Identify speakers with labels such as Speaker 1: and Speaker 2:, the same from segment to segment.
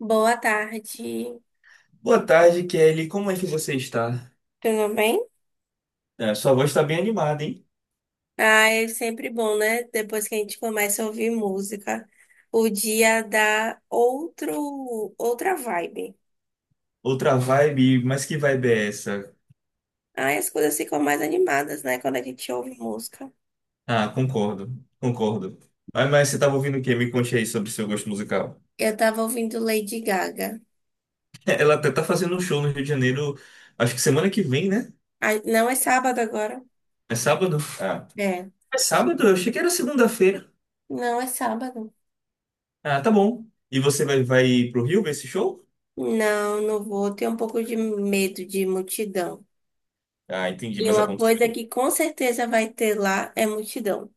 Speaker 1: Boa tarde,
Speaker 2: Boa tarde, Kelly. Como é que você está?
Speaker 1: tudo bem?
Speaker 2: É, sua voz está bem animada, hein?
Speaker 1: Ah, é sempre bom, né? Depois que a gente começa a ouvir música, o dia dá outro, outra vibe.
Speaker 2: Outra vibe, mas que vibe é essa?
Speaker 1: Ah, as coisas ficam mais animadas, né? Quando a gente ouve música.
Speaker 2: Ah, concordo, concordo. Mas você estava ouvindo o quê? Me conte aí sobre seu gosto musical.
Speaker 1: Eu tava ouvindo Lady Gaga.
Speaker 2: Ela até tá fazendo um show no Rio de Janeiro, acho que semana que vem, né?
Speaker 1: Ah, não é sábado agora?
Speaker 2: É sábado? Ah,
Speaker 1: É.
Speaker 2: é sábado? Eu achei que era segunda-feira.
Speaker 1: Não é sábado.
Speaker 2: Ah, tá bom. E você vai pro Rio ver esse show?
Speaker 1: Não, não vou. Tenho um pouco de medo de multidão.
Speaker 2: Ah, entendi,
Speaker 1: E
Speaker 2: mas
Speaker 1: uma coisa
Speaker 2: aconteceu.
Speaker 1: que com certeza vai ter lá é multidão.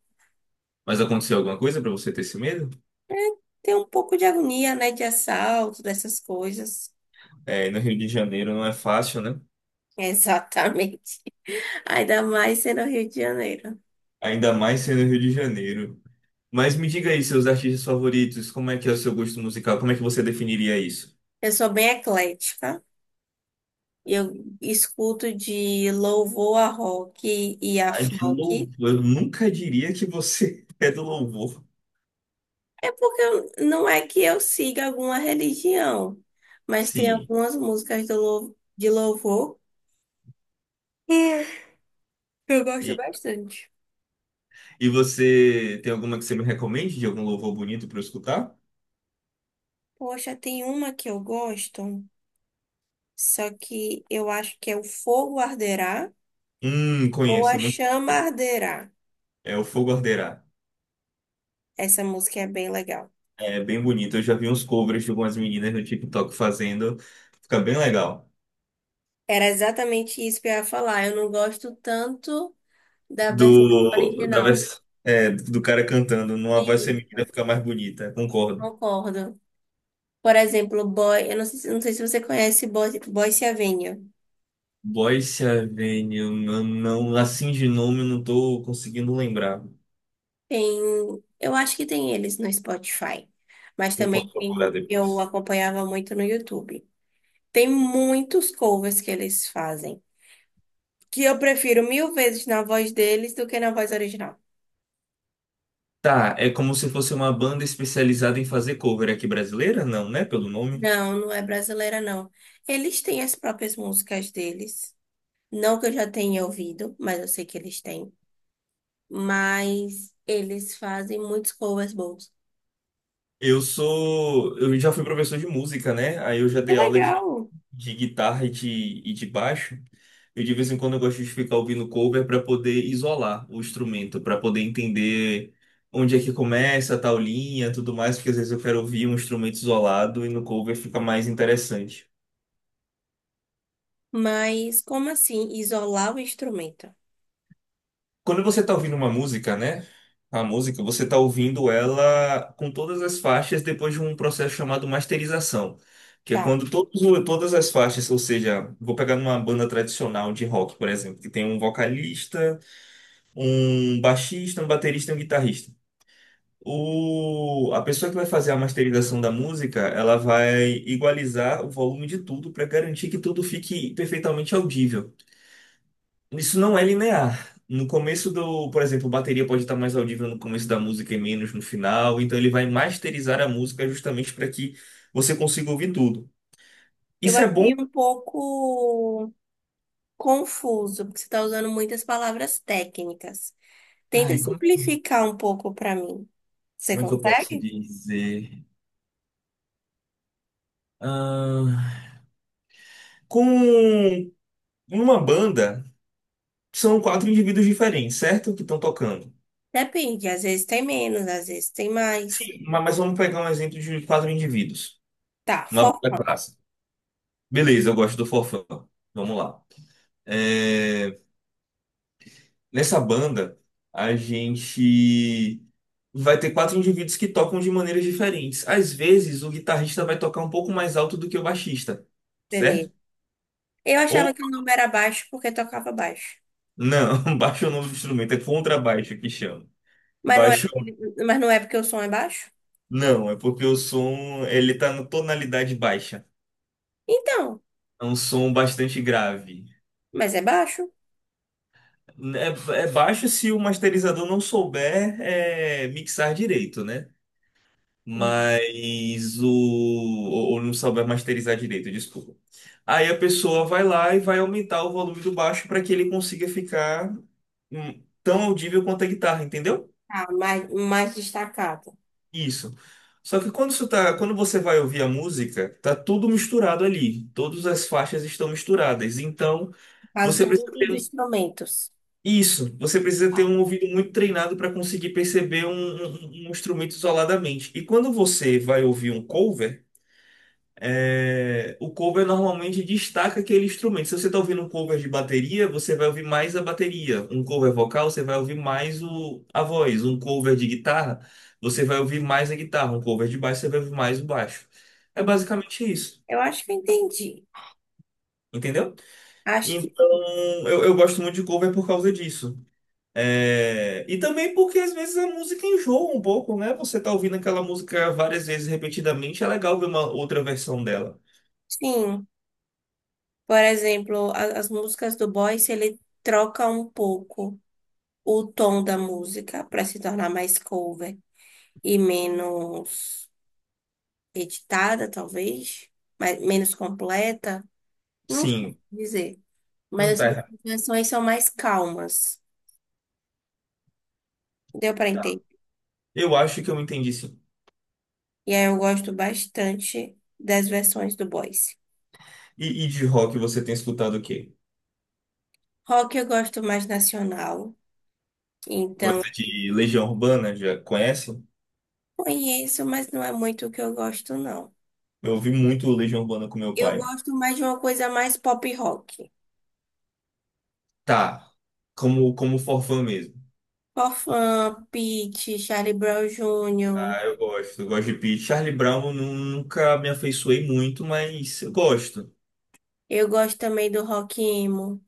Speaker 2: Mas aconteceu alguma coisa para você ter esse medo?
Speaker 1: É, tem um pouco de agonia, né? De assalto, dessas coisas.
Speaker 2: É, no Rio de Janeiro não é fácil, né?
Speaker 1: Exatamente. Ainda mais sendo Rio de Janeiro.
Speaker 2: Ainda mais sendo Rio de Janeiro. Mas me diga aí, seus artistas favoritos, como é que é o seu gosto musical? Como é que você definiria isso?
Speaker 1: Eu sou bem eclética. Eu escuto de louvor a rock e a
Speaker 2: Ah, de louvor.
Speaker 1: funk.
Speaker 2: Eu nunca diria que você é do louvor.
Speaker 1: É porque não é que eu siga alguma religião, mas tem
Speaker 2: Sim.
Speaker 1: algumas músicas do, de louvor que eu gosto
Speaker 2: E,
Speaker 1: bastante.
Speaker 2: e você tem alguma que você me recomende de algum louvor bonito para eu escutar?
Speaker 1: Poxa, tem uma que eu gosto, só que eu acho que é O Fogo Arderá. Ou
Speaker 2: Conheço,
Speaker 1: A
Speaker 2: é muito.
Speaker 1: Chama Arderá.
Speaker 2: É o Fogo Arderá.
Speaker 1: Essa música é bem legal.
Speaker 2: É bem bonito. Eu já vi uns covers de algumas meninas no TikTok fazendo. Fica bem legal.
Speaker 1: Era exatamente isso que eu ia falar. Eu não gosto tanto da versão
Speaker 2: Do, da
Speaker 1: original.
Speaker 2: vers... é, do cara cantando numa voz
Speaker 1: E
Speaker 2: feminina fica mais bonita, concordo.
Speaker 1: concordo. Por exemplo, Boy, eu não sei, não sei se você conhece Boy, Boyz Avenue.
Speaker 2: Boyce Avenue, não, assim de nome eu não tô conseguindo lembrar.
Speaker 1: Tem, eu acho que tem eles no Spotify, mas
Speaker 2: Eu posso procurar
Speaker 1: eu
Speaker 2: depois.
Speaker 1: acompanhava muito no YouTube. Tem muitos covers que eles fazem, que eu prefiro mil vezes na voz deles do que na voz original.
Speaker 2: Tá, é como se fosse uma banda especializada em fazer cover aqui brasileira? Não, né? Pelo nome.
Speaker 1: Não, não é brasileira, não. Eles têm as próprias músicas deles. Não que eu já tenha ouvido, mas eu sei que eles têm. Mas eles fazem muitos covers bons.
Speaker 2: Eu já fui professor de música, né? Aí eu já
Speaker 1: Que
Speaker 2: dei aula
Speaker 1: legal.
Speaker 2: de guitarra e de baixo. Eu de vez em quando eu gosto de ficar ouvindo cover para poder isolar o instrumento, para poder entender onde é que começa, a tal linha, tudo mais, porque às vezes eu quero ouvir um instrumento isolado e no cover fica mais interessante.
Speaker 1: Mas como assim isolar o instrumento?
Speaker 2: Quando você tá ouvindo uma música, né? A música, você tá ouvindo ela com todas as faixas depois de um processo chamado masterização, que é
Speaker 1: Tá.
Speaker 2: quando todas as faixas, ou seja, vou pegar numa banda tradicional de rock, por exemplo, que tem um vocalista, um baixista, um baterista e um guitarrista. A pessoa que vai fazer a masterização da música, ela vai igualizar o volume de tudo para garantir que tudo fique perfeitamente audível. Isso não é linear. No começo do, por exemplo, bateria pode estar mais audível no começo da música e menos no final, então ele vai masterizar a música justamente para que você consiga ouvir tudo.
Speaker 1: Eu
Speaker 2: Isso é bom.
Speaker 1: achei um pouco confuso, porque você está usando muitas palavras técnicas. Tenta
Speaker 2: Ai, como,
Speaker 1: simplificar um pouco para mim. Você
Speaker 2: como é que eu posso
Speaker 1: consegue?
Speaker 2: dizer? Ah, com uma banda, são quatro indivíduos diferentes, certo? Que estão tocando.
Speaker 1: Depende, às vezes tem menos, às vezes tem mais.
Speaker 2: Sim, mas vamos pegar um exemplo de quatro indivíduos.
Speaker 1: Tá,
Speaker 2: Uma banda
Speaker 1: forró,
Speaker 2: clássica. Beleza, eu gosto do Forfã. Vamos lá. É, nessa banda, a gente vai ter quatro indivíduos que tocam de maneiras diferentes. Às vezes, o guitarrista vai tocar um pouco mais alto do que o baixista, certo?
Speaker 1: beleza. Eu achava
Speaker 2: Ou
Speaker 1: que o nome era baixo porque tocava baixo.
Speaker 2: não, baixo é o nome do instrumento, é contrabaixo que chama.
Speaker 1: Mas não é,
Speaker 2: Baixo
Speaker 1: mas não é porque o som é baixo?
Speaker 2: não, é porque o som ele tá na tonalidade baixa.
Speaker 1: Então,
Speaker 2: É um som bastante grave.
Speaker 1: mas é baixo.
Speaker 2: É, é baixo se o masterizador não souber mixar direito, né?
Speaker 1: Hum.
Speaker 2: Mas o ou não souber masterizar direito, desculpa. Aí a pessoa vai lá e vai aumentar o volume do baixo para que ele consiga ficar tão audível quanto a guitarra, entendeu?
Speaker 1: Tá, mais, mais destacado.
Speaker 2: Isso. Só que quando você vai ouvir a música, tá tudo misturado ali. Todas as faixas estão misturadas. Então,
Speaker 1: Quase
Speaker 2: você
Speaker 1: todos
Speaker 2: precisa ter
Speaker 1: os
Speaker 2: um-
Speaker 1: instrumentos.
Speaker 2: isso, você precisa
Speaker 1: Tá.
Speaker 2: ter um ouvido muito treinado para conseguir perceber um instrumento isoladamente. E quando você vai ouvir um cover é, o cover normalmente destaca aquele instrumento. Se você está ouvindo um cover de bateria, você vai ouvir mais a bateria. Um cover vocal, você vai ouvir mais a voz. Um cover de guitarra, você vai ouvir mais a guitarra. Um cover de baixo, você vai ouvir mais o baixo. É basicamente isso,
Speaker 1: Eu acho que eu entendi.
Speaker 2: entendeu?
Speaker 1: Acho que
Speaker 2: Então, eu gosto muito de cover por causa disso. É, e também porque às vezes a música enjoa um pouco, né? Você tá ouvindo aquela música várias vezes repetidamente, é legal ver uma outra versão dela.
Speaker 1: sim. Por exemplo, as músicas do Boyce, ele troca um pouco o tom da música para se tornar mais cover e menos editada, talvez, mas menos completa. Não sei
Speaker 2: Sim,
Speaker 1: dizer.
Speaker 2: não
Speaker 1: Mas
Speaker 2: tá
Speaker 1: assim, as
Speaker 2: errado.
Speaker 1: versões são mais calmas. Deu pra entender.
Speaker 2: Eu acho que eu entendi sim.
Speaker 1: E aí eu gosto bastante das versões do Boyce.
Speaker 2: E de rock você tem escutado o quê?
Speaker 1: Rock eu gosto mais nacional. Então,
Speaker 2: Gosta de Legião Urbana? Já conhece?
Speaker 1: conheço, mas não é muito o que eu gosto, não.
Speaker 2: Eu ouvi muito Legião Urbana com meu
Speaker 1: Eu
Speaker 2: pai.
Speaker 1: gosto mais de uma coisa mais pop rock.
Speaker 2: Tá. Como forfã mesmo.
Speaker 1: Forfun, Pitty, Charlie Brown Jr.
Speaker 2: Ah, eu gosto. Eu gosto de Pete. Charlie Brown eu nunca me afeiçoei muito, mas eu gosto.
Speaker 1: Eu gosto também do rock emo.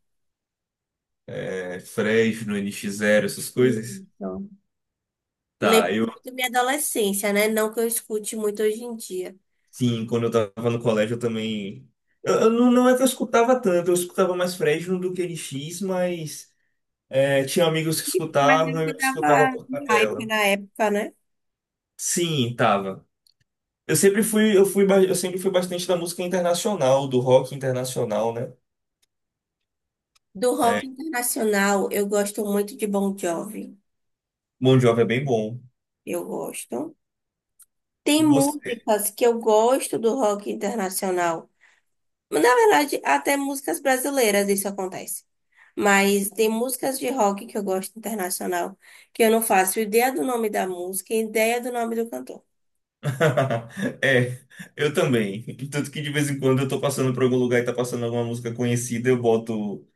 Speaker 2: É, Fresno, NX Zero, essas coisas.
Speaker 1: Isso.
Speaker 2: Tá,
Speaker 1: Lembro
Speaker 2: eu.
Speaker 1: muito da minha adolescência, né? Não que eu escute muito hoje em dia.
Speaker 2: Sim, quando eu tava no colégio eu também. Eu não, não é que eu escutava tanto, eu escutava mais Fresno do que NX, mas é, tinha amigos que
Speaker 1: Mas
Speaker 2: escutavam
Speaker 1: ele
Speaker 2: e
Speaker 1: que
Speaker 2: eu escutava
Speaker 1: tava
Speaker 2: por
Speaker 1: hype
Speaker 2: tabela.
Speaker 1: na época, né?
Speaker 2: Sim, tava. Eu sempre fui bastante da música internacional, do rock internacional, né?
Speaker 1: Do rock
Speaker 2: É,
Speaker 1: internacional, eu gosto muito de Bon Jovi.
Speaker 2: Bon Jovi é bem bom.
Speaker 1: Eu gosto. Tem
Speaker 2: Você.
Speaker 1: músicas que eu gosto do rock internacional. Na verdade, até músicas brasileiras isso acontece. Mas tem músicas de rock que eu gosto internacional que eu não faço ideia do nome da música e ideia do nome do cantor.
Speaker 2: É, eu também. Tanto que de vez em quando eu tô passando por algum lugar e tá passando alguma música conhecida, eu boto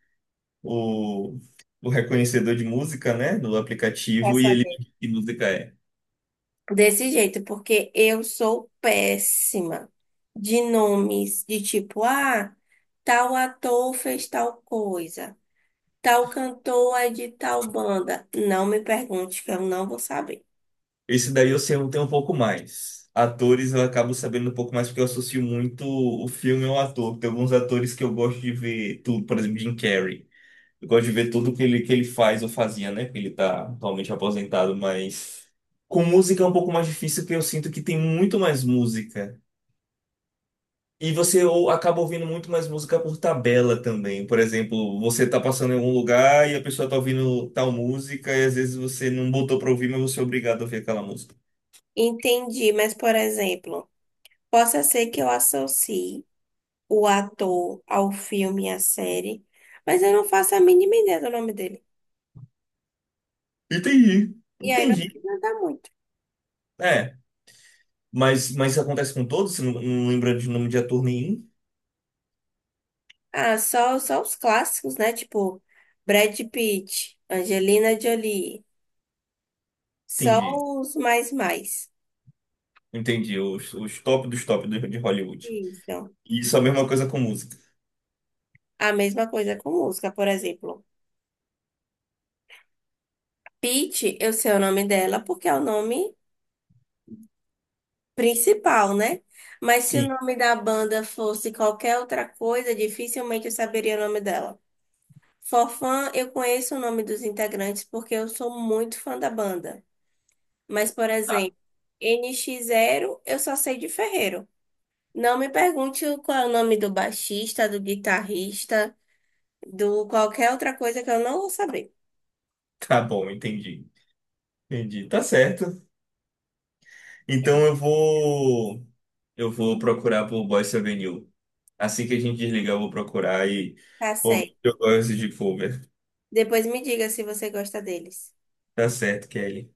Speaker 2: o, o reconhecedor de música, né, no
Speaker 1: Pra
Speaker 2: aplicativo e ele me
Speaker 1: saber.
Speaker 2: diz que música é.
Speaker 1: Desse jeito, porque eu sou péssima de nomes de tipo, ah, tal ator fez tal coisa. Tal cantor é de tal banda. Não me pergunte, que eu não vou saber.
Speaker 2: Esse daí eu sei tem um pouco mais. Atores eu acabo sabendo um pouco mais porque eu associo muito o filme ao ator. Tem alguns atores que eu gosto de ver tudo, por exemplo, Jim Carrey. Eu gosto de ver tudo que ele faz ou fazia, né? Ele tá atualmente aposentado, mas com música é um pouco mais difícil, porque eu sinto que tem muito mais música. Acaba ouvindo muito mais música por tabela também. Por exemplo, você tá passando em algum lugar e a pessoa tá ouvindo tal música, e às vezes você não botou pra ouvir, mas você é obrigado a ouvir aquela música.
Speaker 1: Entendi, mas por exemplo, possa ser que eu associe o ator ao filme e à série, mas eu não faço a mínima ideia do nome dele.
Speaker 2: Entendi.
Speaker 1: E aí não vai
Speaker 2: Entendi.
Speaker 1: ajudar muito.
Speaker 2: É. Mas isso acontece com todos? Você não lembra de nome de ator nenhum?
Speaker 1: Ah, só, só os clássicos, né? Tipo, Brad Pitt, Angelina Jolie. Só
Speaker 2: Entendi.
Speaker 1: os mais mais.
Speaker 2: Entendi. Os top dos top de Hollywood.
Speaker 1: Isso.
Speaker 2: Isso é a mesma coisa com música.
Speaker 1: A mesma coisa com música, por exemplo. Pitt, eu sei o nome dela porque é o nome principal, né? Mas se o
Speaker 2: Sim,
Speaker 1: nome da banda fosse qualquer outra coisa, dificilmente eu saberia o nome dela. Forfã, eu conheço o nome dos integrantes porque eu sou muito fã da banda. Mas, por exemplo, NX Zero, eu só sei de Ferreiro. Não me pergunte qual é o nome do baixista, do guitarrista, do qualquer outra coisa que eu não vou saber.
Speaker 2: tá bom, entendi. Entendi. Tá certo. Então eu vou procurar por Boyce Avenue. Assim que a gente desligar, eu vou procurar e
Speaker 1: Tá
Speaker 2: ouvir o
Speaker 1: certo.
Speaker 2: que eu gosto de cover.
Speaker 1: Depois me diga se você gosta deles.
Speaker 2: Tá certo, Kelly.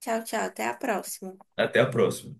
Speaker 1: Tchau, tchau. Até a próxima.
Speaker 2: Até a próxima.